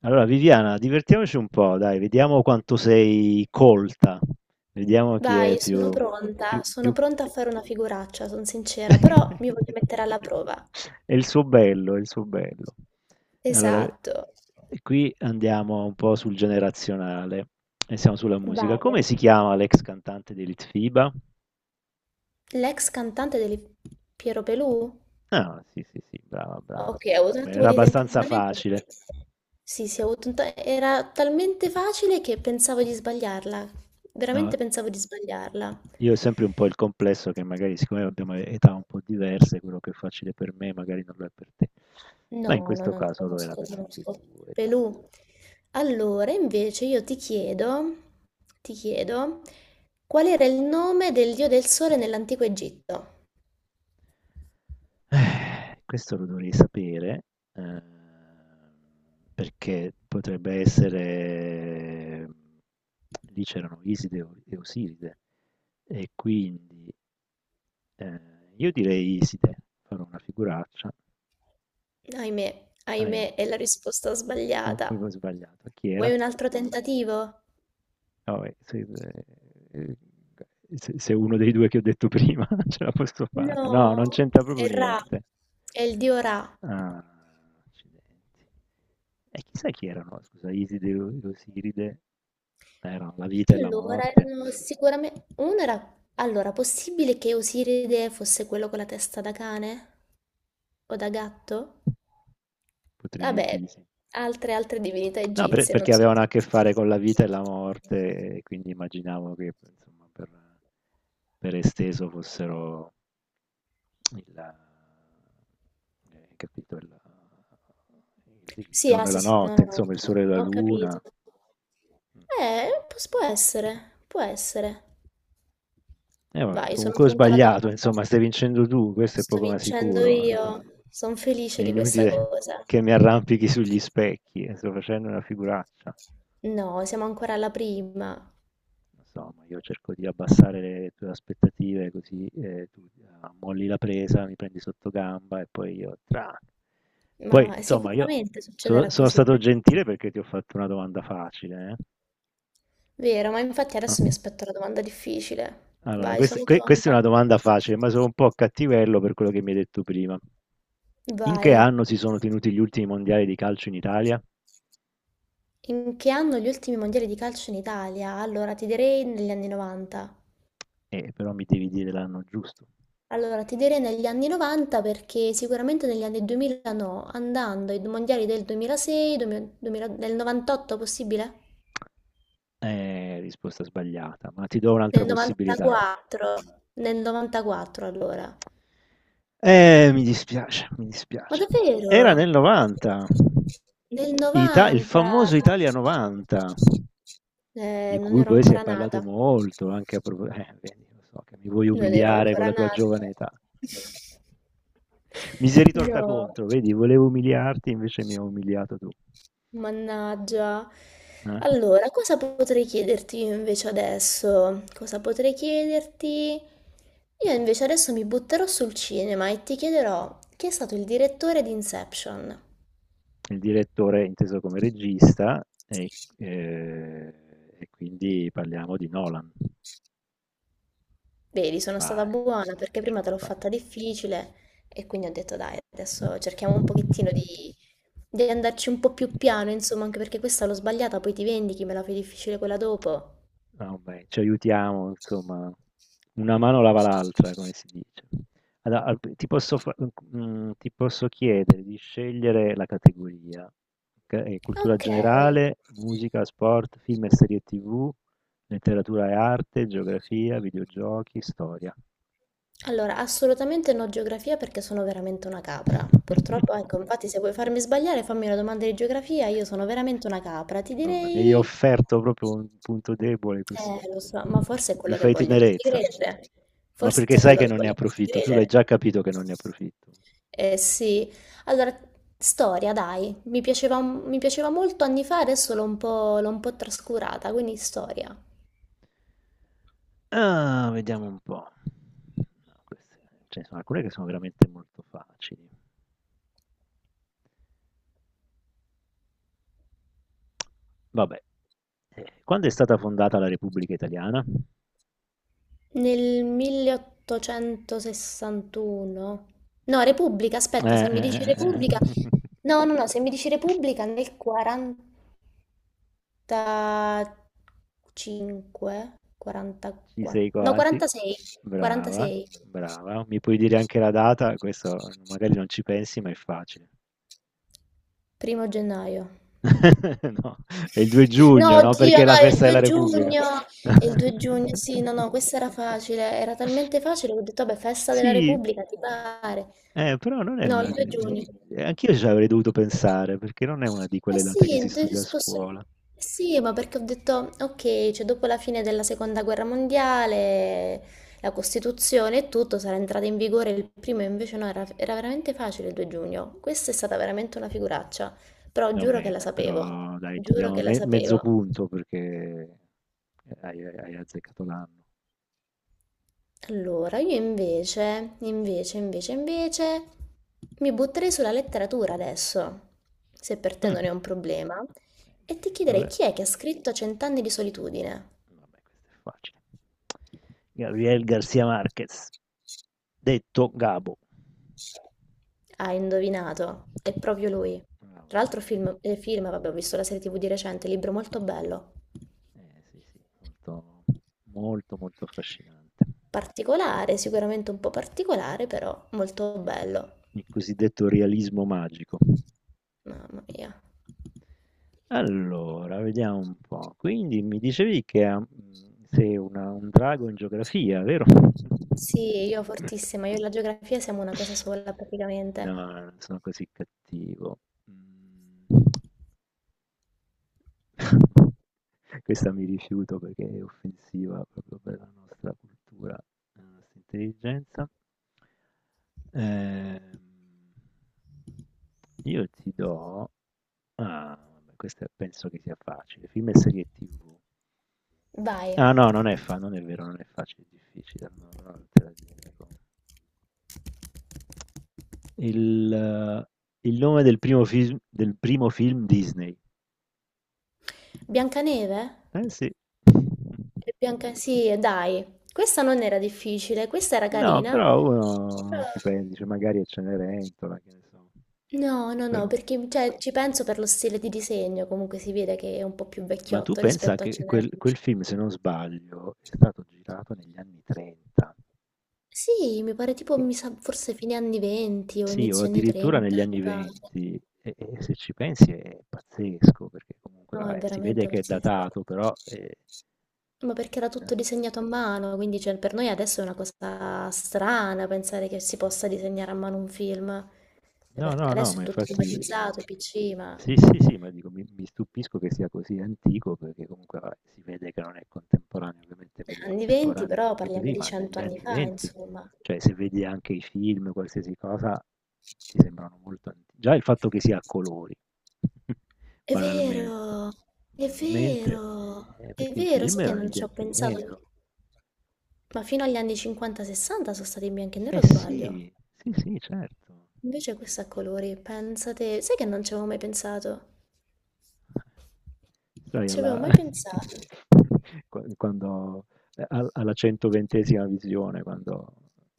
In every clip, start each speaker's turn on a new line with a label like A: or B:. A: Allora, Viviana, divertiamoci un po', dai, vediamo quanto sei colta, vediamo chi è
B: Vai,
A: più, più,
B: sono
A: più...
B: pronta a fare una figuraccia, sono sincera, però mi voglio mettere alla prova.
A: È il suo bello, è il suo bello. Allora,
B: Esatto.
A: qui andiamo un po' sul generazionale e siamo sulla musica.
B: Vai.
A: Come si chiama l'ex cantante di Litfiba?
B: L'ex cantante del Piero Pelù?
A: Ah, sì, sì, sì, brava, brava.
B: Ok, ho avuto un
A: Beh,
B: attimo
A: era
B: di
A: abbastanza
B: tentennamento.
A: facile.
B: Sì, sì, ho avuto un ta- era talmente facile che pensavo di sbagliarla.
A: No.
B: Veramente pensavo di sbagliarla.
A: Io ho sempre un po' il complesso che magari siccome abbiamo età un po' diverse, quello che è facile per me magari non lo è per te.
B: No,
A: Ma in
B: no,
A: questo
B: no, no,
A: caso lo era
B: conosco,
A: per tutti e
B: conosco.
A: due, dai, insomma.
B: Pelù. Allora, invece io ti chiedo, qual era il nome del dio del sole nell'antico Egitto?
A: Questo lo dovrei sapere, ehm, perché potrebbe essere. Lì c'erano Iside e Osiride, e quindi eh, io direi Iside, farò una figuraccia.
B: Ahimè,
A: Ahimè,
B: ahimè, è la risposta
A: ho proprio
B: sbagliata.
A: sbagliato. Chi era?
B: Vuoi un altro tentativo?
A: No, beh, ehm, se uno dei 2 che ho detto prima ce la posso fare. No, non
B: No,
A: c'entra proprio
B: è Ra,
A: niente.
B: è il dio Ra.
A: Ah, accidenti. E chissà chi erano, scusa, Iside e e Osiride? Erano la vita e la
B: Allora,
A: morte.
B: erano sicuramente. Uno
A: Mm.
B: era. Allora, possibile che Osiride fosse quello con la testa da cane? O da gatto?
A: Potrei dirti
B: Vabbè,
A: di sì.
B: altre
A: Mm.
B: divinità
A: No, per-
B: egizie, non
A: perché
B: so.
A: avevano a che fare con la vita e la morte, e quindi immaginavo che, insomma, per esteso fossero il, capito, il
B: Sì,
A: giorno
B: ah,
A: e
B: sì,
A: la
B: sì, no,
A: notte,
B: no, no,
A: insomma, il sole e la
B: ho
A: luna.
B: capito.
A: Mh.
B: Può essere, può essere.
A: Eh vabbè,
B: Vai, sono
A: comunque ho
B: pronta alla
A: sbagliato,
B: domanda.
A: insomma, stai vincendo tu, questo è
B: Sto
A: poco ma
B: vincendo
A: sicuro.
B: io, sono
A: È
B: felice di questa
A: inutile
B: cosa.
A: che mi arrampichi sugli specchi, sto facendo una figuraccia.
B: No, siamo ancora alla prima,
A: Lo so, ma io cerco di abbassare le tue aspettative così tu molli la presa, mi prendi sotto gamba e poi io tra. Poi,
B: ma
A: insomma, io
B: sicuramente
A: so-
B: succederà
A: sono
B: così,
A: stato
B: eh.
A: gentile perché ti ho fatto una domanda facile. Eh.
B: Vero, ma infatti adesso mi
A: No?
B: aspetto la domanda difficile.
A: Allora,
B: Vai,
A: questa,
B: sono
A: que- questa è una
B: pronta.
A: domanda facile, ma sono un po' cattivello per quello che mi hai detto prima. In che
B: Vai.
A: anno si sono tenuti gli ultimi mondiali di calcio in Italia?
B: In che anno gli ultimi mondiali di calcio in Italia? Allora, ti direi negli anni 90.
A: Però mi devi dire l'anno giusto.
B: Allora, ti direi negli anni 90 perché sicuramente negli anni 2000 no, andando ai mondiali del 2006, 2000 del 98 possibile?
A: Risposta sbagliata, ma ti do
B: Del
A: un'altra possibilità.
B: 94, nel 94 allora.
A: Mi dispiace, mi
B: Ma
A: dispiace. Era nel
B: davvero?
A: '90.
B: Nel
A: Ita il
B: 90?
A: famoso Italia '90, di
B: Non
A: cui
B: ero
A: poi si è
B: ancora
A: parlato
B: nata.
A: molto anche a propo vedi, lo so che mi vuoi
B: Non ero
A: umiliare con
B: ancora
A: la tua
B: nata.
A: giovane età. Ecco. Mi sei ritorta
B: No,
A: contro, vedi, volevo umiliarti, invece mi hai umiliato tu.
B: mannaggia.
A: Eh?
B: Allora, cosa potrei chiederti io invece adesso? Cosa potrei chiederti? Io invece adesso mi butterò sul cinema e ti chiederò chi è stato il direttore di Inception.
A: Il direttore è inteso come regista
B: Sì.
A: ehm, e quindi parliamo di Nolan.
B: Vedi, sono stata
A: Vai, e
B: buona
A: vai,
B: perché
A: ce
B: prima
A: l'ho
B: te l'ho fatta
A: fatta.
B: difficile e quindi ho detto dai, adesso cerchiamo un pochettino di andarci un po' più piano, insomma, anche perché questa l'ho sbagliata, poi ti vendichi, me la fai difficile quella dopo.
A: Vabbè, ci aiutiamo, insomma, una mano lava l'altra, come si dice. Allora, ti posso chiedere di scegliere la categoria, ok? Cultura
B: Ok,
A: generale, musica, sport, film e serie TV, letteratura e arte, geografia, videogiochi, storia.
B: allora assolutamente no geografia perché sono veramente una capra. Purtroppo, ecco, infatti se vuoi farmi sbagliare, fammi una domanda di geografia, io sono veramente una capra. Ti
A: No, mi hai
B: direi.
A: offerto proprio un punto debole così.
B: Lo so, ma
A: Eh.
B: forse è
A: Mi
B: quello che
A: fai
B: voglio farti
A: tenerezza.
B: credere.
A: Ma
B: Forse
A: perché
B: è
A: sai
B: quello
A: che
B: che
A: non ne
B: voglio farti
A: approfitto, tu l'hai
B: credere.
A: già capito che non ne approfitto.
B: Eh sì, allora, storia, dai, mi piaceva molto anni fa, adesso l'ho un po' trascurata, quindi storia.
A: Ah, vediamo un po'. No, queste- Ce ne sono alcune che sono veramente molto facili. Vabbè, quando è stata fondata la Repubblica Italiana?
B: Nel 1861, no, Repubblica,
A: Eh,
B: aspetta, se mi
A: eh,
B: dici
A: eh, eh,
B: Repubblica, no, no, no, se mi dici
A: eh.
B: Repubblica nel 40, 45,
A: Ci sei
B: 44, no,
A: quasi.
B: 46,
A: Brava,
B: 46,
A: brava. Mi puoi dire anche la data? Questo magari non ci pensi, ma è facile.
B: 1º gennaio.
A: No, è il 2
B: No,
A: giugno, no?
B: oddio,
A: Perché è
B: no,
A: la
B: è il
A: festa della
B: 2
A: Repubblica.
B: giugno, è il 2 giugno, sì, no, no, questa era facile, era talmente facile che ho detto, vabbè, festa della
A: Sì,
B: Repubblica, ti pare.
A: Però non è
B: No,
A: una.
B: il 2 giugno.
A: Anch'io ci avrei dovuto pensare, perché non è una di
B: Eh
A: quelle date che si
B: sì,
A: studia a scuola.
B: sì, ma perché ho detto, ok, cioè dopo la fine della seconda guerra mondiale, la Costituzione e tutto sarà entrata in vigore il primo, invece no, era veramente facile il 2 giugno. Questa è stata veramente una figuraccia, però giuro che
A: Vabbè,
B: la
A: dai,
B: sapevo,
A: però dai, ti
B: giuro
A: diamo
B: che la
A: mezzo
B: sapevo.
A: punto perché hai azzeccato l'anno.
B: Allora, io invece, mi butterei sulla letteratura adesso, se per te
A: Mm.
B: non è un problema, e ti chiederei
A: Dovre-
B: chi è che ha scritto Cent'anni di solitudine?
A: Vabbè, questo è facile. Gabriel Garcia Marquez, detto Gabo.
B: Hai indovinato, è proprio lui. Tra
A: Vabbè,
B: l'altro
A: vabbè.
B: film, vabbè, ho visto la serie TV di recente, libro molto bello.
A: Sì, sì, molto, molto, molto affascinante.
B: Particolare, sicuramente un po' particolare, però molto bello.
A: Il cosiddetto realismo magico.
B: Mamma mia.
A: Allora, vediamo un po'. Quindi mi dicevi che sei un drago in geografia, vero?
B: Sì, io fortissima, io e la geografia siamo una cosa sola
A: No,
B: praticamente.
A: non sono così cattivo. Mm. Questa mi rifiuto perché è offensiva proprio per la nostra cultura, la nostra intelligenza. Ehm, io ti do. Ah, vabbè, questa penso che sia facile. Film e serie TV.
B: Vai.
A: Ah no, non è vero, non è facile, è difficile, no, allora non te la dico. Il nome del primo film, Disney.
B: Biancaneve?
A: Eh sì.
B: Sì, dai. Questa non era difficile, questa era
A: No,
B: carina.
A: però
B: Però
A: uno ci pensa, dice magari è Cenerentola, che ne so.
B: No, no, no,
A: Però-
B: perché cioè, ci penso per lo stile di disegno, comunque si vede che è un po' più
A: ma tu
B: vecchiotto
A: pensa
B: rispetto a
A: che
B: Cenere.
A: quel film, se non sbaglio, è stato girato negli anni 30,
B: Sì, mi pare tipo,
A: che-
B: mi sa, forse fine anni 20 o
A: sì, o
B: inizio anni
A: addirittura
B: 30,
A: negli
B: mi
A: anni
B: pare.
A: 20, e se ci pensi è pazzesco, perché comunque
B: No, è
A: vabbè, si vede
B: veramente
A: che è
B: pazzesco.
A: datato, però.
B: Ma perché era tutto disegnato a mano, quindi cioè, per noi adesso è una cosa strana pensare che si possa disegnare a mano un film. Cioè,
A: No,
B: perché
A: no, no,
B: adesso
A: ma
B: è tutto
A: infatti
B: automatizzato, PC, ma
A: sì, sì, sì, ma dico, mi stupisco che sia così antico perché comunque vabbè, si vede che non è contemporaneo, ovviamente quelli
B: anni 20
A: contemporanei sono
B: però
A: più
B: parliamo
A: così,
B: di
A: ma
B: 100
A: negli
B: anni
A: anni
B: fa,
A: venti,
B: insomma.
A: cioè se vedi anche i film, qualsiasi cosa, ti sembrano molto antichi. Già il fatto che sia a colori,
B: È
A: banalmente,
B: vero, è
A: banalmente,
B: vero, è
A: perché i
B: vero,
A: film
B: sai che
A: erano in
B: non ci ho
A: bianco e
B: pensato,
A: nero.
B: ma fino agli anni 50-60 sono stati in bianco e nero,
A: Eh
B: o sbaglio.
A: sì, sì, sì, certo.
B: Invece questo è a colori, pensate, sai che non ci avevo mai pensato?
A: Sai
B: Ci avevo
A: alla
B: mai pensato?
A: quan quando al alla 120ª visione, quando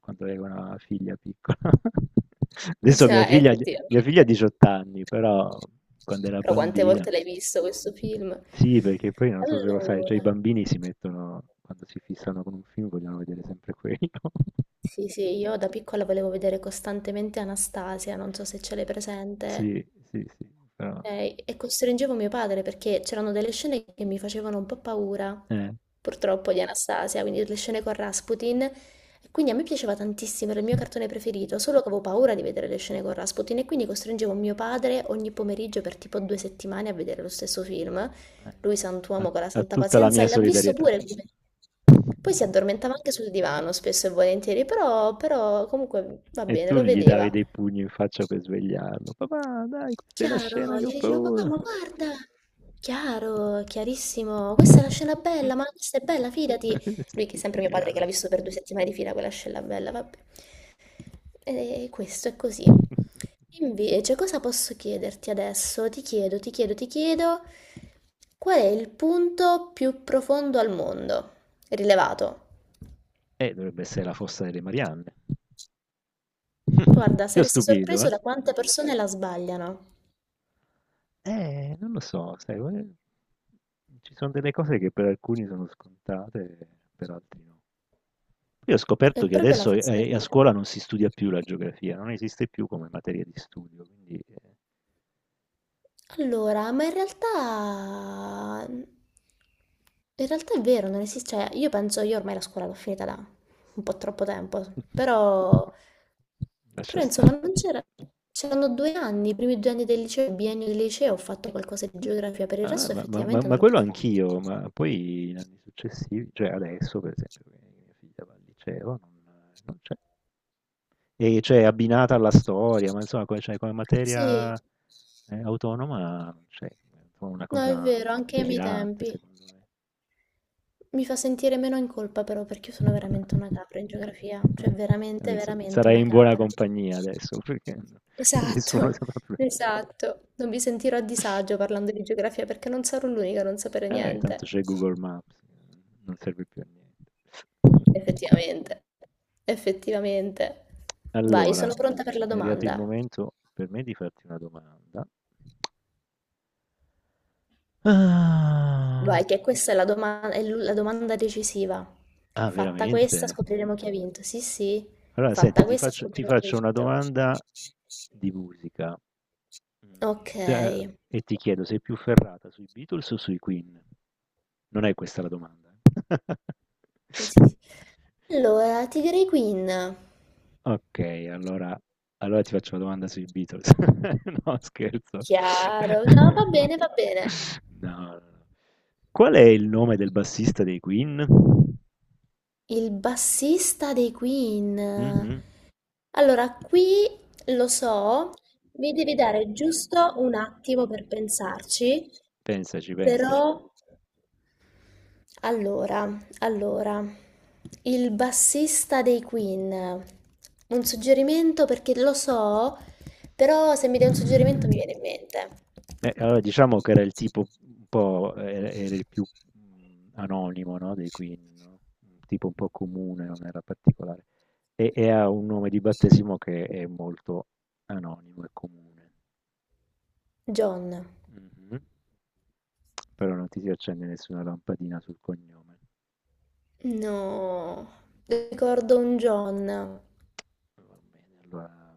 A: quando avevo una figlia piccola. Adesso
B: Sì,
A: mia
B: effettivamente.
A: figlia ha 18 anni, però quando era
B: Però quante
A: bambina
B: volte l'hai visto questo film?
A: sì, perché poi non so se lo sai,
B: Allora,
A: cioè i bambini si mettono quando si fissano con un film vogliono vedere sempre quello.
B: sì, sì, io da piccola volevo vedere costantemente Anastasia, non so se ce l'hai presente.
A: Sì, sì, sì, però
B: E costringevo mio padre perché c'erano delle scene che mi facevano un po' paura,
A: eh,
B: purtroppo, di Anastasia, quindi le scene con Rasputin. E quindi a me piaceva tantissimo, era il mio cartone preferito, solo che avevo paura di vedere le scene con Rasputin e quindi costringevo mio padre ogni pomeriggio per tipo 2 settimane a vedere lo stesso film.
A: eh
B: Lui,
A: guarda, ha
B: sant'uomo con la
A: ha
B: santa
A: tutta la
B: pazienza,
A: mia
B: l'ha visto
A: solidarietà.
B: pure come. Poi si addormentava anche sul divano, spesso e volentieri, però comunque va
A: E
B: bene,
A: tu
B: lo
A: gli davi
B: vedeva.
A: dei pugni in faccia per svegliarlo. Papà, dai, questa è la scena
B: Chiaro,
A: che ho
B: gli dicevo papà,
A: paura.
B: ma guarda, chiaro, chiarissimo, questa è una scena bella, ma questa è bella, fidati. Lui, che è
A: Sì,
B: sempre mio padre, che
A: Viviana,
B: l'ha
A: sì.
B: visto per 2 settimane di fila quella scena bella, vabbè. E questo è così. Invece, cosa posso chiederti adesso? Ti chiedo, qual è il punto più profondo al mondo? Rilevato.
A: Dovrebbe essere la fossa delle Marianne.
B: Guarda,
A: Ti ho
B: saresti
A: stupito,
B: sorpreso
A: eh?
B: da quante persone la sbagliano.
A: Non lo so, sai, ci sono delle cose che per alcuni sono scontate, per altri no. Io ho
B: È
A: scoperto che
B: proprio la
A: adesso
B: forza degli
A: a
B: amici.
A: scuola non si studia più la geografia, non esiste più come materia di studio, quindi
B: Allora, in realtà è vero, non esiste. Cioè, io penso, io ormai la scuola l'ho finita da un po' troppo tempo, però.
A: lascia
B: Però insomma
A: stare.
B: non c'era. C'erano 2 anni, i primi 2 anni del liceo, il biennio del liceo, ho fatto qualcosa di geografia, per il
A: Allora,
B: resto
A: ma, ma- ma-
B: effettivamente
A: ma
B: non l'ho più
A: quello
B: fatto.
A: anch'io, ma poi in anni successivi, cioè adesso per esempio, che mia figlia va al liceo, non c'è. E c'è abbinata alla storia, ma insomma, cioè, come
B: Sì,
A: materia autonoma non c'è. È un po' una
B: no, è
A: cosa
B: vero, anche ai miei
A: delirante,
B: tempi.
A: secondo me.
B: Mi fa sentire meno in colpa però perché io sono veramente una capra in geografia, cioè veramente,
A: Adesso
B: veramente
A: sarai
B: una
A: in buona
B: capra.
A: compagnia adesso, perché nessuno
B: Esatto,
A: sa proprio.
B: esatto. Non mi sentirò a disagio parlando di geografia perché non sarò l'unica a non sapere
A: Tanto
B: niente.
A: c'è Google Maps, non serve più a niente.
B: Effettivamente, effettivamente. Vai,
A: Allora,
B: sono pronta per la
A: è arrivato il
B: domanda.
A: momento per me di farti una domanda. Ah,
B: Vai, che questa è la domanda decisiva.
A: ah,
B: Fatta questa,
A: veramente?
B: scopriremo chi ha vinto. Sì, sì,
A: Allora, senti,
B: fatta
A: ti
B: questa,
A: faccio, ti
B: scopriremo chi ha
A: faccio una
B: vinto.
A: domanda di musica.
B: Ok.
A: E ti chiedo, sei più ferrata sui Beatles o sui Queen? Non è questa la domanda. Eh.
B: Sì. Allora, Tigray Queen.
A: Okay, allora ti faccio una domanda sui Beatles. No, scherzo.
B: Chiaro. No, va bene, va bene.
A: No, no, no. Qual è il nome del bassista dei Queen?
B: Il bassista dei Queen.
A: Mh-mh.
B: Allora, qui lo so, mi devi dare giusto un attimo per pensarci,
A: Pensaci, pensaci.
B: però allora, allora, il bassista dei Queen. Un suggerimento perché lo so, però se mi dai un suggerimento mi viene in mente.
A: Beh, allora diciamo che era il tipo un po' era il più, anonimo, no, dei Queen, no, un tipo un po' comune, non era particolare. E ha un nome di battesimo che è molto anonimo e comune.
B: John.
A: Mh-mh. Però non ti si accende nessuna lampadina sul cognome.
B: No, ricordo un John.
A: Va bene, allora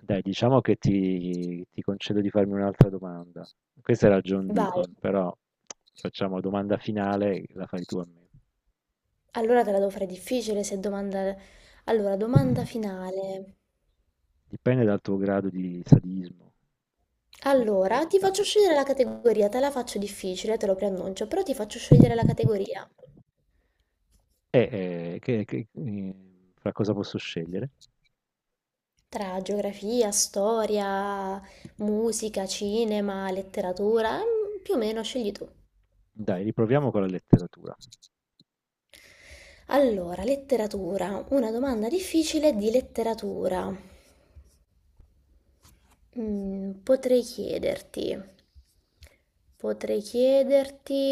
A: dai, diciamo che ti concedo di farmi un'altra domanda. Questa era John
B: Vai,
A: Deacon, però facciamo domanda finale, la fai tu a me.
B: allora te la devo fare difficile se domanda. Allora, domanda finale.
A: Dipende dal tuo grado di sadismo o
B: Allora, ti
A: generosità.
B: faccio scegliere la categoria, te la faccio difficile, te lo preannuncio, però ti faccio scegliere la categoria
A: E eh, che- che- eh, fra cosa posso scegliere?
B: tra geografia, storia, musica, cinema, letteratura, più o meno scegli tu.
A: Dai, riproviamo con la letteratura.
B: Allora, letteratura, una domanda difficile di letteratura. Mm, potrei chiederti, potrei chiederti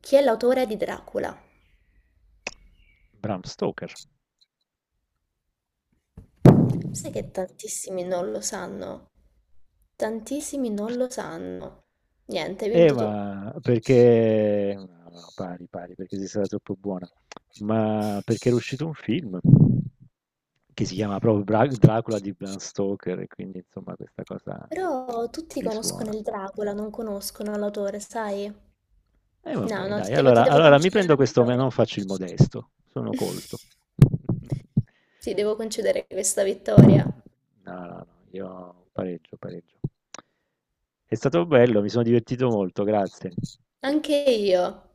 B: chi è l'autore di Dracula.
A: Bram Stoker.
B: Sai che tantissimi non lo sanno. Tantissimi non lo sanno. Niente, hai vinto tu.
A: Ma perché no, no, pari, pari, perché sei stata troppo buona. Ma perché era uscito un film che si chiama proprio Dracula di Bram Stoker, e quindi insomma questa cosa
B: Però tutti conoscono
A: risuona.
B: il Dracula, non conoscono l'autore, sai?
A: E
B: No,
A: vabbè,
B: no, ti
A: dai,
B: devo ti
A: allora,
B: devo
A: allora mi
B: concedere
A: prendo
B: la
A: questo, ma
B: vittoria.
A: non faccio il modesto, sono colto.
B: Ti devo concedere questa
A: No,
B: vittoria.
A: no, no, io pareggio, pareggio. È stato bello, mi sono divertito molto, grazie.
B: Anche io.